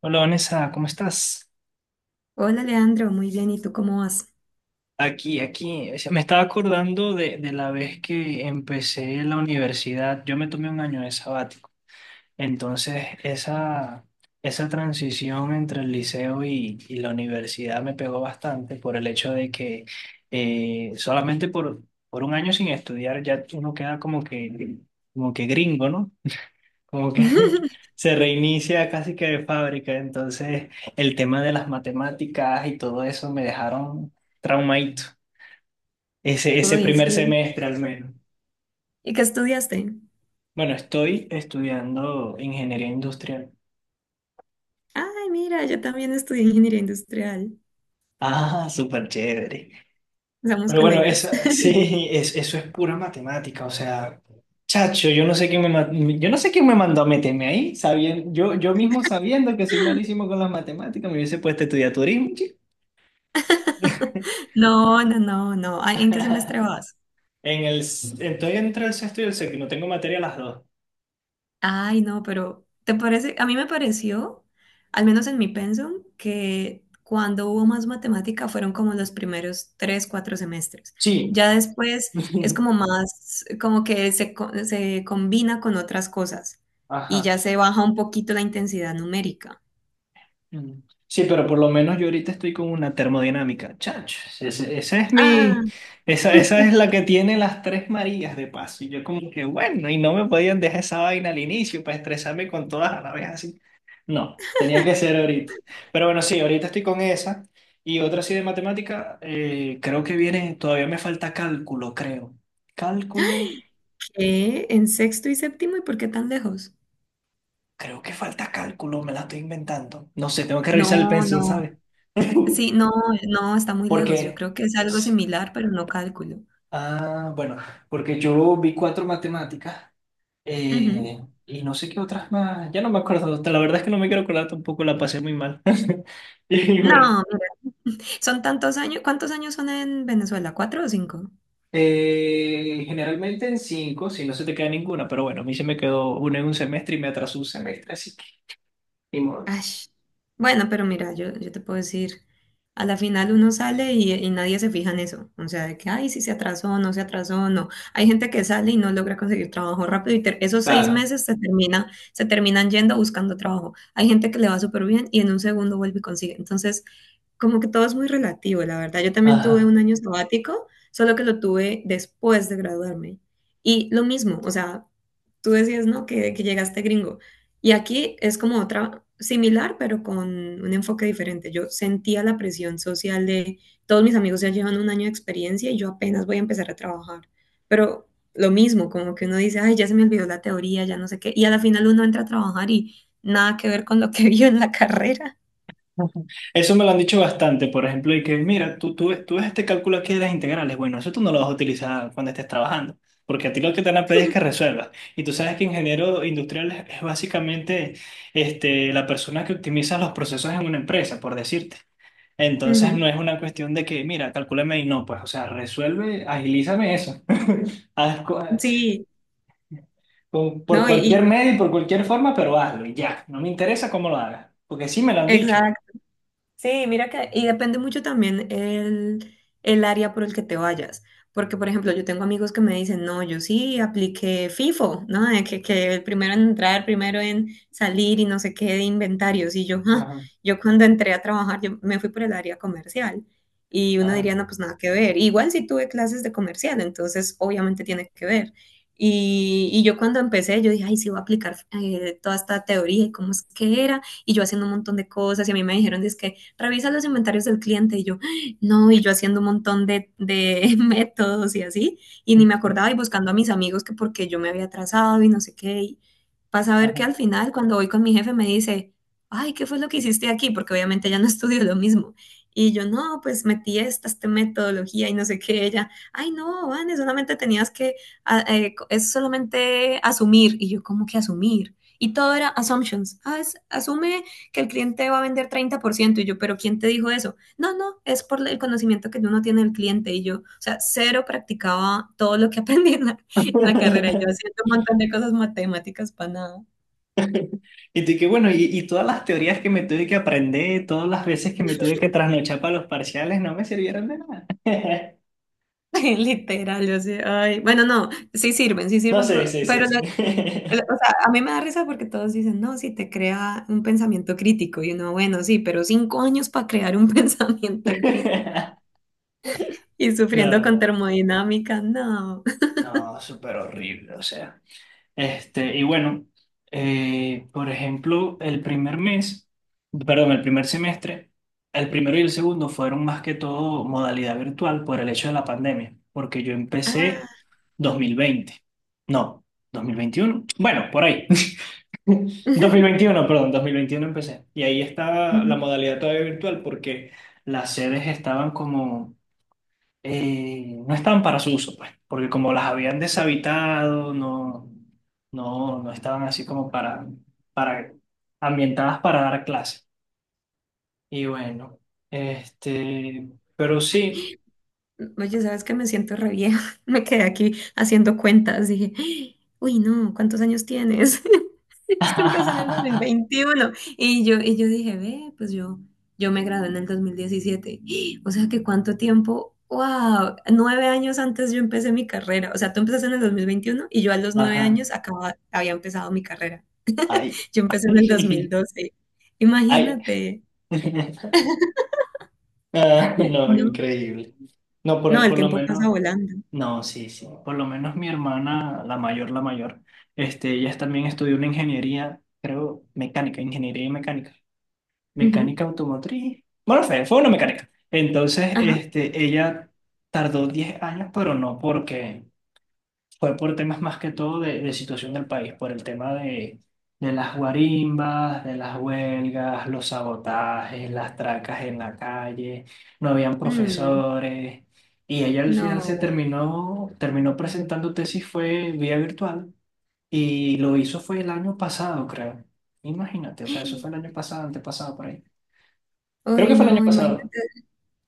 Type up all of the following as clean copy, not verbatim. Hola Vanessa, ¿cómo estás? Hola Leandro, muy bien, ¿y tú cómo vas? Aquí, aquí. O sea, me estaba acordando de la vez que empecé la universidad. Yo me tomé un año de sabático. Entonces, esa transición entre el liceo y la universidad me pegó bastante por el hecho de que solamente por un año sin estudiar ya uno queda como que gringo, ¿no? Como que se reinicia casi que de fábrica. Entonces, el tema de las matemáticas y todo eso me dejaron traumadito. Ese Uy, primer sí. semestre al menos. ¿Y qué estudiaste? Bueno, estoy estudiando ingeniería industrial. Ay, mira, yo también estudié ingeniería industrial. Ah, súper chévere. Somos Pero bueno, colegas. eso, sí, eso es pura matemática. O sea, chacho, yo no sé quién me mandó a meterme ahí. Sabiendo, yo mismo sabiendo que soy malísimo con las matemáticas, me hubiese puesto a estudiar turismo, chico. No, no, no, no. Ay, ¿en qué semestre vas? Estoy entre el sexto y el séptimo, tengo materia las dos. Ay, no, pero ¿te parece? A mí me pareció, al menos en mi pensum, que cuando hubo más matemática fueron como los primeros 3, 4 semestres. Sí. Ya después es como más, como que se combina con otras cosas y Ajá. ya se baja un poquito la intensidad numérica. Mm. Sí, pero por lo menos yo ahorita estoy con una termodinámica. Chacho, ese- esa es Ah, mi, esa, esa es la que tiene las tres Marías de paso. Y yo como que, bueno, y no me podían dejar esa vaina al inicio para estresarme con todas a la vez así. No, tenía que ser ahorita. Pero bueno, sí, ahorita estoy con esa. Y otra así de matemática, creo que viene, todavía me falta cálculo, creo. Cálculo. ¿qué? ¿En sexto y séptimo? ¿Y por qué tan lejos? Creo que falta cálculo, me la estoy inventando. No sé, tengo que revisar el No, pensum, no. ¿sabes? Sí, no, no, está muy lejos. Yo Porque, creo que es algo similar, pero no cálculo. ah, bueno, porque yo vi cuatro matemáticas Ujú. eh, y no sé qué otras más. Ya no me acuerdo, la verdad es que no me quiero acordar tampoco, la pasé muy mal. Y bueno, No, son tantos años. ¿Cuántos años son en Venezuela? ¿4 o 5? Generalmente en cinco, si no se te queda ninguna, pero bueno, a mí se me quedó una en un semestre y me atrasó un semestre, así que, ni modo. Ash. Bueno, pero mira, yo te puedo decir, a la final uno sale y nadie se fija en eso. O sea, de que, ay, si se atrasó, no se atrasó, no. Hay gente que sale y no logra conseguir trabajo rápido y esos seis Claro. meses se termina, se terminan yendo buscando trabajo. Hay gente que le va súper bien y en un segundo vuelve y consigue. Entonces, como que todo es muy relativo, la verdad. Yo también tuve Ajá. un año sabático, solo que lo tuve después de graduarme. Y lo mismo, o sea, tú decías, ¿no? Que llegaste gringo. Y aquí es como otra similar, pero con un enfoque diferente. Yo sentía la presión social de todos mis amigos ya llevan un año de experiencia y yo apenas voy a empezar a trabajar. Pero lo mismo, como que uno dice, ay, ya se me olvidó la teoría, ya no sé qué. Y a la final uno entra a trabajar y nada que ver con lo que vio en la carrera. Ujú. Eso me lo han dicho bastante, por ejemplo, y que mira, tú ves este cálculo aquí de las integrales, bueno, eso tú no lo vas a utilizar cuando estés trabajando, porque a ti lo que te van a pedir es que resuelvas. Y tú sabes que ingeniero industrial es básicamente este, la persona que optimiza los procesos en una empresa, por decirte. Entonces no Ujú. es una cuestión de que, mira, calcúlame y no, pues, o sea, resuelve, agilízame eso. Haz cu- Sí, por ¿no? Cualquier medio y por cualquier forma, pero hazlo y ya. No me interesa cómo lo hagas, porque sí me lo han dicho. Exacto. Sí, mira que, y depende mucho también el área por el que te vayas. Porque, por ejemplo, yo tengo amigos que me dicen, no, yo sí apliqué FIFO, ¿no? De que el primero en entrar, primero en salir y no sé qué de inventarios. Y yo, "Ah". Ajá, Yo cuando entré a trabajar, yo me fui por el área comercial. Y uno ajá. diría, no, pues nada que ver. Igual sí tuve clases de comercial, entonces obviamente tiene que ver. Y yo cuando empecé, yo dije, ay, sí, voy a aplicar toda esta teoría y cómo es que era. Y yo haciendo un montón de cosas y a mí me dijeron, es que revisa los inventarios del cliente y yo, no, y yo haciendo un montón de métodos y así, y ni me acordaba y buscando a mis amigos que porque yo me había atrasado y no sé qué, y pasa a ver que Ajá. al final cuando voy con mi jefe me dice, ay, ¿qué fue lo que hiciste aquí? Porque obviamente ya no estudio lo mismo. Y yo, no, pues metí esta metodología y no sé qué, ella, ay, no, Vane, solamente tenías que, es solamente asumir. Y yo, ¿cómo que asumir? Y todo era assumptions. Ah, asume que el cliente va a vender 30% y yo, pero ¿quién te dijo eso? No, no, es por el conocimiento que uno tiene del cliente y yo, o sea, cero practicaba todo lo que aprendí en en la carrera, yo haciendo un montón de cosas matemáticas para nada. Y tú que bueno, y todas las teorías que me tuve que aprender, todas las veces que me tuve que trasnochar para los parciales, no me sirvieron de nada. Literal, yo sé, ay, bueno, no, sí No, sirven, sí, sí, sí, pero sí. O sea, a mí me da risa porque todos dicen, no, sí te crea un pensamiento crítico, y uno, bueno, sí, pero 5 años para crear un pensamiento crítico y sufriendo No, con no. termodinámica, no. No, súper horrible, o sea. Este, y bueno, por ejemplo, el primer mes, perdón, el primer semestre, el primero y el segundo fueron más que todo modalidad virtual por el hecho de la pandemia, porque yo empecé Ah. 2020 no, 2021 bueno, por ahí, dos mil veintiuno perdón, 2021 empecé, y ahí estaba la modalidad todavía virtual porque las sedes estaban como no estaban para su uso, pues, porque como las habían deshabitado, no, no, no estaban así como para, para ambientadas para dar clase. Y bueno, este, pero sí. Oye, ¿sabes que Me siento re vieja. Me quedé aquí haciendo cuentas. Dije, "Ay, uy, no, ¿cuántos años tienes?" Es que empecé en el dos mil Ajá. veintiuno Y yo dije, ve, pues yo me gradué en el 2017. O sea que cuánto tiempo, wow, 9 años antes yo empecé mi carrera. O sea, tú empezaste en el 2021 y yo a los 9 años acababa, había empezado mi carrera. Ay. Yo empecé en el dos mil doce Ay. Imagínate. Ah, no, No, increíble. No, no, por, el por lo tiempo pasa menos, volando. no, sí, sí. Por lo menos mi hermana, la mayor, este, ella también estudió una ingeniería, creo, mecánica, ingeniería y mecánica. Ujú. Mecánica automotriz. Bueno, fue una mecánica. Entonces, Ajá. este, ella tardó 10 años, pero no porque fue por temas más que todo de situación del país, por el tema de las guarimbas, de las huelgas, los sabotajes, las tracas en la calle, no habían profesores. Y ella al final se No. terminó, terminó presentando tesis, fue vía virtual, y lo hizo fue el año pasado, creo. Imagínate, o sea, eso fue el año pasado, antepasado por ahí. Creo que Ay, fue el año no, pasado. imagínate,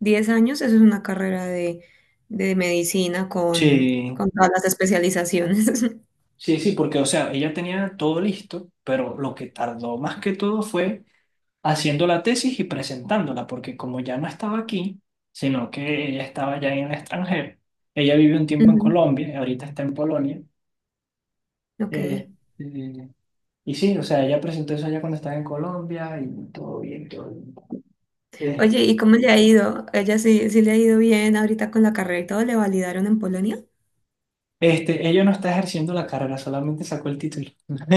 10 años, eso es una carrera de medicina Sí, con todas las especializaciones. sí, sí, porque, o sea, ella tenía todo listo, pero lo que tardó más que todo fue haciendo la tesis y presentándola, porque como ya no estaba aquí, sino que ella estaba ya en el extranjero, ella vivió un tiempo en Ujú, Colombia, y ahorita está en Polonia, ok. eh, eh, y sí, o sea, ella presentó eso allá cuando estaba en Colombia y todo bien, todo bien. Eh, Oye, ¿y cómo le ha ido? ¿Ella sí, sí le ha ido bien ahorita con la carrera y todo? ¿Le validaron en Polonia? este, ella no está ejerciendo la carrera, solamente sacó el título.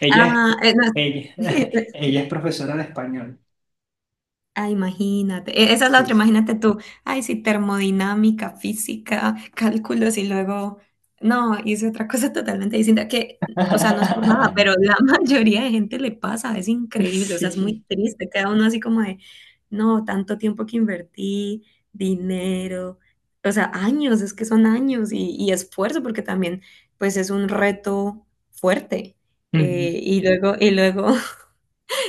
Ella Ah, es, no. ella, Ella es profesora de español. Ah, imagínate. Esa es la Sí. otra, imagínate tú. Ay, sí, termodinámica, física, cálculos y luego, no, hice otra cosa totalmente distinta que, o sea, no es por nada, pero la mayoría de gente le pasa, es increíble, o sea, es muy Sí. triste, queda uno así como de, no, tanto tiempo que invertí, dinero, o sea, años, es que son años y esfuerzo porque también, pues es un reto fuerte. Y luego, y luego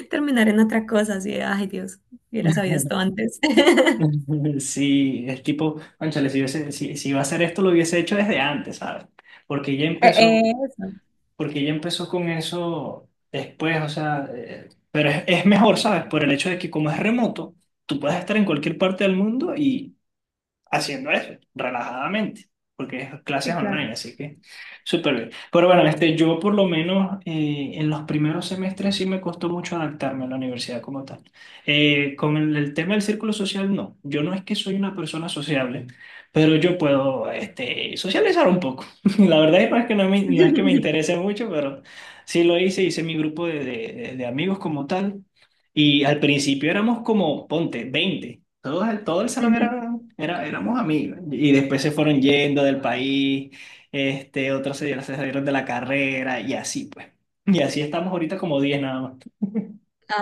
terminar en otra cosa, así de, ay Dios, hubiera sabido esto antes. Sí, es tipo, cónchale, si iba a hacer esto, lo hubiese hecho desde antes, ¿sabes? Porque ya Eh, empezó, Eso, Porque ya empezó con eso después, o sea, pero es mejor, ¿sabes? Por el hecho de que como es remoto, tú puedes estar en cualquier parte del mundo haciendo eso, relajadamente, porque es clases sí, claro. online, así que súper bien. Pero bueno, este, yo por lo menos en los primeros semestres sí me costó mucho adaptarme a la universidad como tal. Con el tema del círculo social, no. Yo no es que soy una persona sociable, pero yo puedo este, socializar un poco. La verdad es que no es que me Ujú. interese mucho, pero sí lo hice, hice mi grupo de amigos como tal. Y al principio éramos como, ponte, 20 todos el, todo el salón éramos amigos. Y después se fueron yendo del país, este, otros se salieron de la carrera y así pues. Y así estamos ahorita como 10 nada más.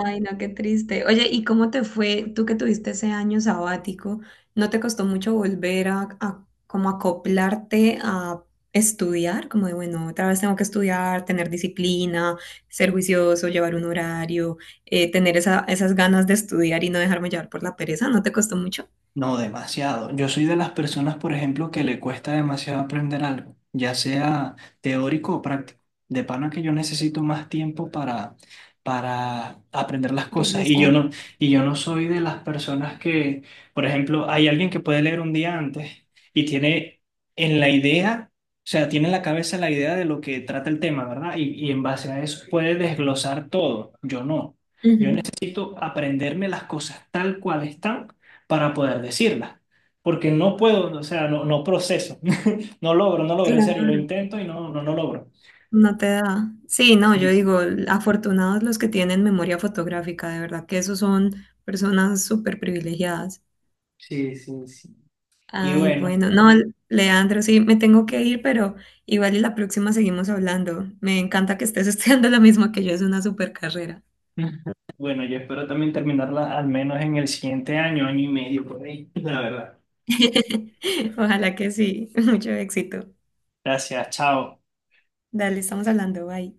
Ay, no, qué triste. Oye, ¿y cómo te fue tú que tuviste ese año sabático? ¿No te costó mucho volver a como acoplarte a estudiar? Como de, bueno, otra vez tengo que estudiar, tener disciplina, ser juicioso, llevar un horario, tener esas ganas de estudiar y no dejarme llevar por la pereza. ¿No te costó mucho? No, demasiado. Yo soy de las personas, por ejemplo, que le cuesta demasiado aprender algo, ya sea teórico o práctico. De pana que yo necesito más tiempo para aprender las cosas. Y yo Procesar. no, y yo no soy de las personas que, por ejemplo, hay alguien que puede leer un día antes y tiene en la idea, o sea, tiene en la cabeza la idea de lo que trata el tema, ¿verdad? Y en base a eso puede desglosar todo. Yo no. Yo Ujú. necesito aprenderme las cosas tal cual están para poder decirla. Porque no puedo, o sea, no proceso, no logro, no logro, en serio, lo Claro. intento y no, no, no logro. No te da. Sí, no, yo Sí, sí, digo, afortunados los que tienen memoria fotográfica, de verdad que esos son personas súper privilegiadas. sí, sí, sí. Y Ay, bueno, bueno, no, Leandro, sí, me tengo que ir, pero igual y la próxima seguimos hablando. Me encanta que estés estudiando lo mismo que yo, es una súper carrera. bueno, yo espero también terminarla al menos en el siguiente año, año y medio por ahí. La verdad. Ojalá que sí, mucho éxito. Gracias, chao. Dale, estamos hablando, bye.